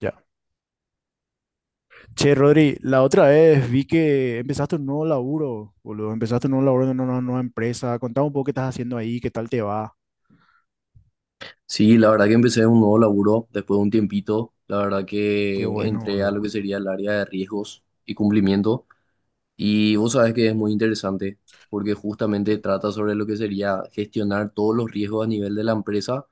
Ya. Che, Rodri, la otra vez vi que empezaste un nuevo laburo, boludo. Empezaste un nuevo laburo en una nueva empresa. Contame un poco qué estás haciendo ahí, qué tal te va. Sí, la verdad que empecé un nuevo laburo después de un tiempito. La verdad Qué que bueno, entré a lo boludo. que sería el área de riesgos y cumplimiento. Y vos sabés que es muy interesante porque justamente trata sobre lo que sería gestionar todos los riesgos a nivel de la empresa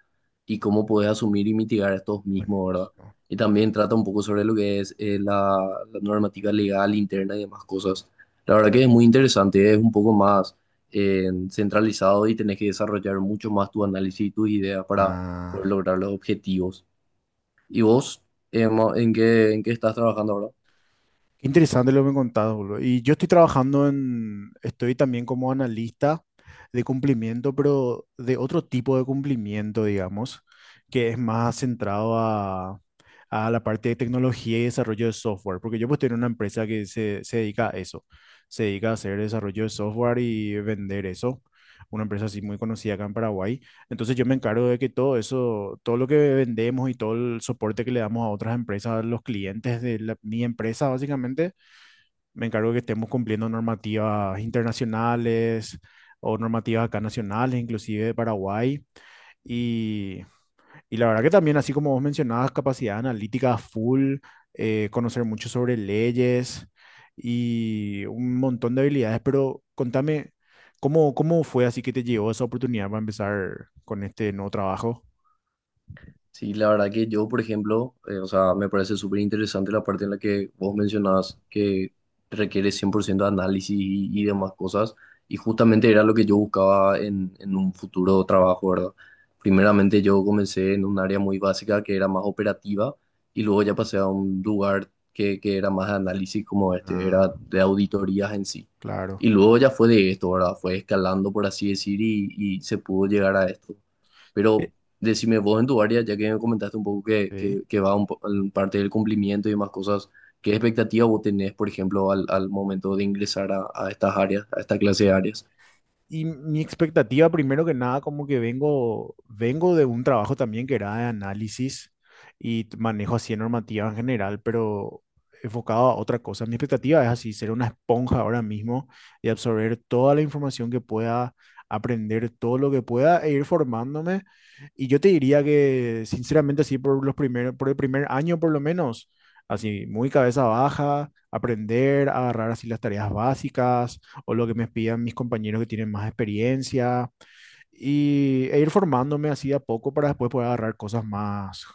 y cómo podés asumir y mitigar estos mismos, ¿verdad? Buenísimo. Y también trata un poco sobre lo que es la normativa legal interna y demás cosas. La verdad que es muy interesante, es un poco más centralizado y tenés que desarrollar mucho más tu análisis y tus ideas para poder Ah. lograr los objetivos. ¿Y vos, Emma, en qué estás trabajando ahora? Qué interesante lo que me contás, boludo. Y yo estoy trabajando en, estoy también como analista de cumplimiento, pero de otro tipo de cumplimiento, digamos, que es más centrado a la parte de tecnología y desarrollo de software, porque yo pues estoy en una empresa que se dedica a eso, se dedica a hacer desarrollo de software y vender eso, una empresa así muy conocida acá en Paraguay, entonces yo me encargo de que todo eso, todo lo que vendemos y todo el soporte que le damos a otras empresas, a los clientes de la- mi empresa básicamente, me encargo de que estemos cumpliendo normativas internacionales o normativas acá nacionales, inclusive de Paraguay. Y y la verdad que también, así como vos mencionabas, capacidad analítica full, conocer mucho sobre leyes y un montón de habilidades, pero contame, ¿cómo, cómo fue así que te llegó esa oportunidad para empezar con este nuevo trabajo? Sí, la verdad que yo, por ejemplo, o sea, me parece súper interesante la parte en la que vos mencionabas que requiere 100% de análisis y demás cosas, y justamente era lo que yo buscaba en un futuro trabajo, ¿verdad? Primeramente yo comencé en un área muy básica que era más operativa, y luego ya pasé a un lugar que era más de análisis como este, Ah, era de auditorías en sí. claro. Y luego ya fue de esto, ¿verdad? Fue escalando, por así decir, y se pudo llegar a esto. Eh, Pero decime vos en tu área, ya que me comentaste un poco Sí. Que va en parte del cumplimiento y demás cosas, ¿qué expectativa vos tenés, por ejemplo, al momento de ingresar a estas áreas, a esta clase de áreas? Y mi expectativa, primero que nada, como que vengo, vengo de un trabajo también que era de análisis y t- manejo así de normativa en general, pero enfocado a otra cosa. Mi expectativa es así, ser una esponja ahora mismo y absorber toda la información que pueda, aprender todo lo que pueda e ir formándome. Y yo te diría que, sinceramente, así por los primeros, por el primer año por lo menos, así muy cabeza baja, aprender, agarrar así las tareas básicas o lo que me pidan mis compañeros que tienen más experiencia y, e ir formándome así de a poco para después poder agarrar cosas más,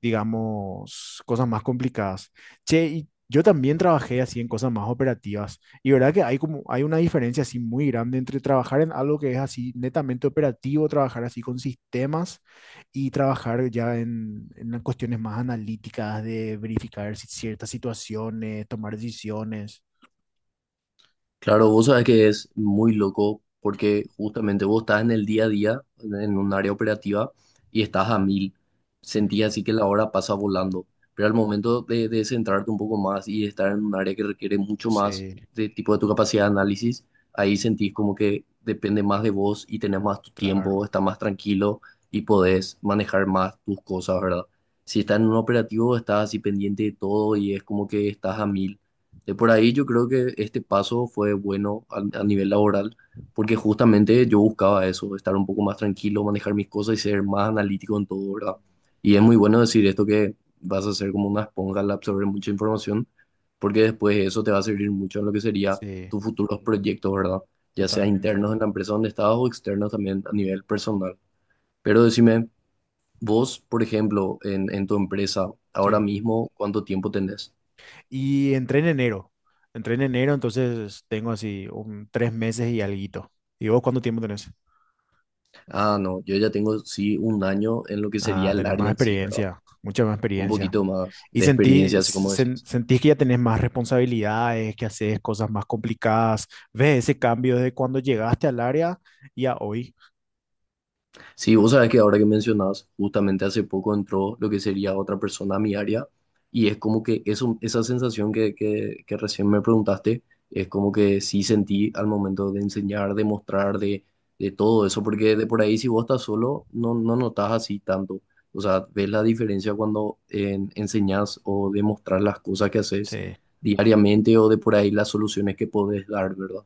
digamos, cosas más complicadas. Che, y yo también trabajé así en cosas más operativas y verdad que hay como hay una diferencia así muy grande entre trabajar en algo que es así netamente operativo, trabajar así con sistemas y trabajar ya en las cuestiones más analíticas de verificar si- ciertas situaciones, tomar decisiones. Claro, vos sabés que es muy loco porque justamente vos estás en el día a día, en un área operativa, y estás a mil. Ujú. Sentís así que la hora pasa volando. Pero al momento de centrarte un poco más y de estar en un área que requiere mucho más Sí, de tipo de tu capacidad de análisis, ahí sentís como que depende más de vos y tenés más tu tiempo, claro. estás más tranquilo y podés manejar más tus cosas, ¿verdad? Si estás en un operativo, estás así pendiente de todo y es como que estás a mil de por ahí yo creo que este paso fue bueno a nivel laboral, porque justamente yo buscaba eso, estar un poco más tranquilo, manejar mis cosas y ser más analítico en todo, ¿verdad? Y es muy bueno decir esto que vas a ser como una esponja al absorber mucha información, porque después eso te va a servir mucho en lo que sería Sí, tus futuros proyectos, ¿verdad? Ya sea totalmente. internos en la empresa donde estás o externos también a nivel personal. Pero decime, vos, por ejemplo, en tu empresa, ahora Sí. mismo, ¿cuánto tiempo tenés? Y entré en enero. Entré en enero, entonces tengo así un 3 meses y alguito. ¿Y vos cuánto tiempo tenés? Ah, no, yo ya tengo sí un año en lo que Ah, sería el tenés más área en sí, ¿verdad? experiencia, mucha más Un experiencia. poquito más Y de sentí, experiencia, así como sen- decís. sentís que ya tenés más responsabilidades, que haces cosas más complicadas. ¿Ves ese cambio de cuando llegaste al área y a hoy? Sí, vos sabés que ahora que mencionás, justamente hace poco entró lo que sería otra persona a mi área y es como que eso, esa sensación que recién me preguntaste, es como que sí sentí al momento de enseñar, de mostrar, de todo eso, porque de por ahí si vos estás solo, no notas así tanto. O sea, ves la diferencia cuando enseñas enseñás o demostrar las cosas que haces Sí, diariamente o de por ahí las soluciones que podés dar, ¿verdad?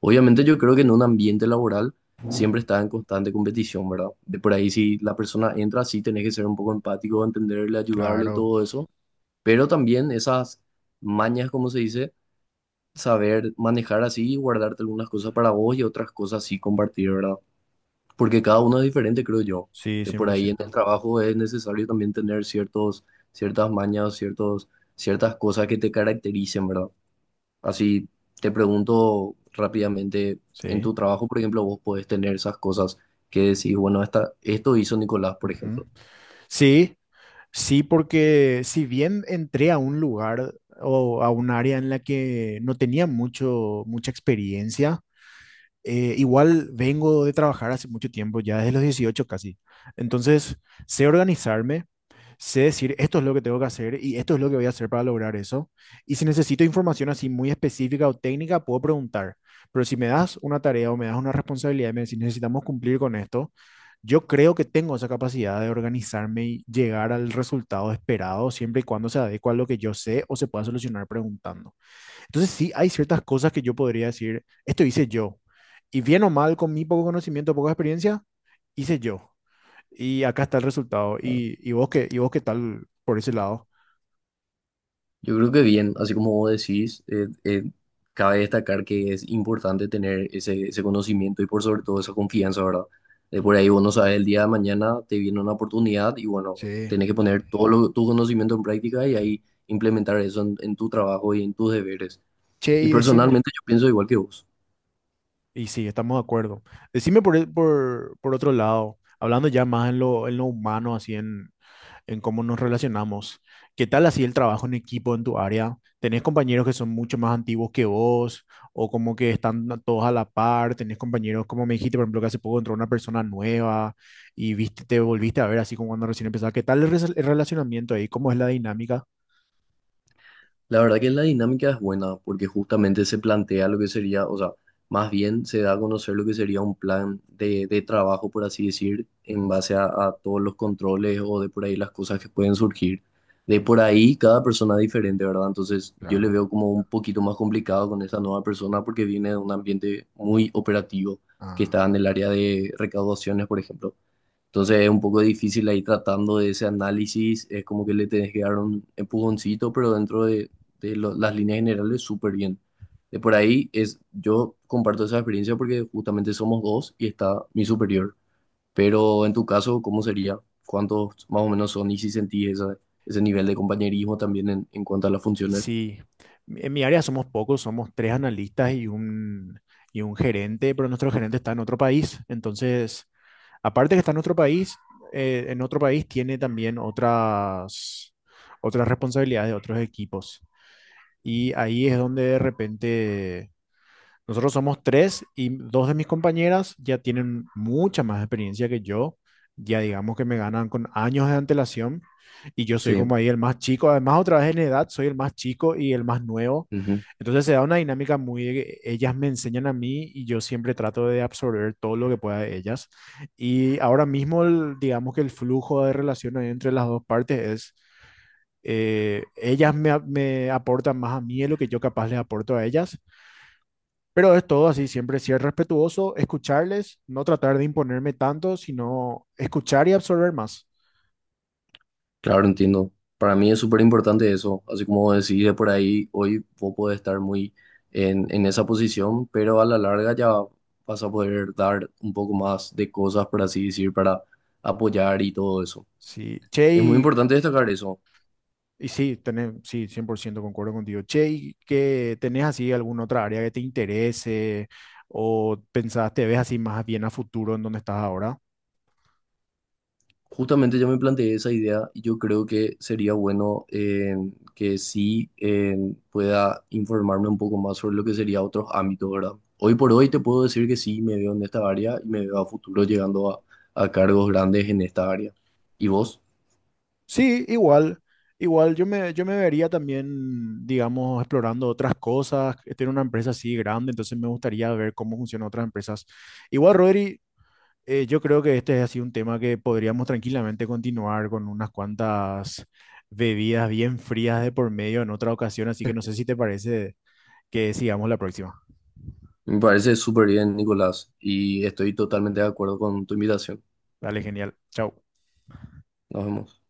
Obviamente yo creo que en un ambiente laboral siempre está en constante competición, ¿verdad? De por ahí si la persona entra, sí tenés que ser un poco empático, entenderle, ayudarle, claro. todo eso, pero también esas mañas, como se dice, saber manejar así y guardarte algunas cosas para vos y otras cosas sí compartir, ¿verdad? Porque cada uno es diferente, creo yo. Sí, De cien por por ahí en el ciento. trabajo es necesario también tener ciertos, ciertas mañas, ciertos, ciertas cosas que te caractericen, ¿verdad? Así te pregunto rápidamente, en Sí. tu trabajo, por ejemplo, vos podés tener esas cosas que decís, bueno, esta, esto hizo Nicolás, por Ujú. ejemplo. Sí, Sí, porque si bien entré a un lugar o a un área en la que no tenía mucho, mucha experiencia, igual vengo de trabajar hace mucho tiempo, ya desde los 18 casi. Entonces, sé organizarme, sé decir esto es lo que tengo que hacer y esto es lo que voy a hacer para lograr eso. Y si necesito información así muy específica o técnica, puedo preguntar. Pero si me das una tarea o me das una responsabilidad y me decís necesitamos cumplir con esto, yo creo que tengo esa capacidad de organizarme y llegar al resultado esperado siempre y cuando se adecua a lo que yo sé o se pueda solucionar preguntando. Entonces sí, hay ciertas cosas que yo podría decir, esto hice yo. Y bien o mal, con mi poco conocimiento, poca experiencia, hice yo. Y acá está el resultado. Claro. ¿Y, y vos qué tal por ese lado? Yo creo que bien, así como vos decís, cabe destacar que es importante tener ese conocimiento y por sobre todo esa confianza, ¿verdad? De por ahí vos no sabes, el día de mañana te viene una oportunidad y bueno, Sí. tenés que poner tu conocimiento en práctica y ahí implementar eso en tu trabajo y en tus deberes. Che, Y y decime, personalmente yo pienso igual que vos. y sí, estamos de acuerdo. Decime por, el- por otro lado, hablando ya más en lo humano, así en cómo nos relacionamos. ¿Qué tal así el trabajo en equipo en tu área? ¿Tenés compañeros que son mucho más antiguos que vos o como que están a- todos a la par? ¿Tenés compañeros, como me dijiste, por ejemplo, que hace poco entró una persona nueva y viste, te volviste a ver así como cuando recién empezaba? ¿Qué tal el, res- el relacionamiento ahí? ¿Cómo es la dinámica? La verdad que la dinámica es buena porque justamente se plantea lo que sería, o sea, más bien se da a conocer lo que sería un plan de trabajo, por así decir, en Ujú. base a todos los controles o de por ahí las cosas que pueden surgir. De por ahí cada persona es diferente, ¿verdad? Entonces yo le Claro. veo como un poquito más complicado con esta nueva persona porque viene de un ambiente muy operativo que Ah. está en el área de recaudaciones, por ejemplo. Entonces es un poco difícil ahí tratando de ese análisis, es como que le tenés que dar un empujoncito, pero dentro las líneas generales súper bien. De por ahí es, yo comparto esa experiencia porque justamente somos dos y está mi superior. Pero en tu caso, ¿cómo sería? ¿Cuántos más o menos son y si sentís ese nivel de compañerismo también en cuanto a las funciones? Sí, en mi área somos pocos, somos tres analistas y un gerente, pero nuestro gerente está en otro país. Entonces, aparte que está en otro país tiene también otras, otras responsabilidades de otros equipos. Y ahí es donde de repente nosotros somos tres y dos de mis compañeras ya tienen mucha más experiencia que yo. Ya digamos que me ganan con años de antelación y yo soy Sí. como ahí el más chico. Además, otra vez en edad, soy el más chico y el más nuevo. Ujú. Entonces se da una dinámica muy... de que ellas me enseñan a mí y yo siempre trato de absorber todo lo que pueda de ellas. Y ahora mismo, el- digamos que el flujo de relación ahí entre las dos partes es... ellas me, a- me aportan más a mí de lo que yo capaz les aporto a ellas, pero es todo así, siempre ser respetuoso, escucharles, no tratar de imponerme tanto, sino escuchar y absorber más. Claro, entiendo. Para mí es súper importante eso. Así como decís de por ahí, hoy vos podés estar muy en esa posición, pero a la larga ya vas a poder dar un poco más de cosas, por así decir, para apoyar y todo eso. Sí, che, Es muy importante destacar eso. y sí, tenés, sí, 100% concuerdo contigo. Che, ¿y que tenés así alguna otra área que te interese o pensás, te ves así más bien a futuro en donde estás ahora? Justamente yo me planteé esa idea y yo creo que sería bueno que sí pueda informarme un poco más sobre lo que sería otros ámbitos, ¿verdad? Hoy por hoy te puedo decir que sí me veo en esta área y me veo a futuro llegando a cargos grandes en esta área. ¿Y vos? Sí, igual, yo me vería también, digamos, explorando otras cosas. Estoy en una empresa así grande, entonces me gustaría ver cómo funcionan otras empresas. Igual, Rodri, yo creo que este es así un tema que podríamos tranquilamente continuar con unas cuantas bebidas bien frías de por medio en otra ocasión, así que no sé si te parece que sigamos la próxima. Me parece súper bien, Nicolás, y estoy totalmente de acuerdo con tu invitación. Dale, genial. Chao. Nos vemos.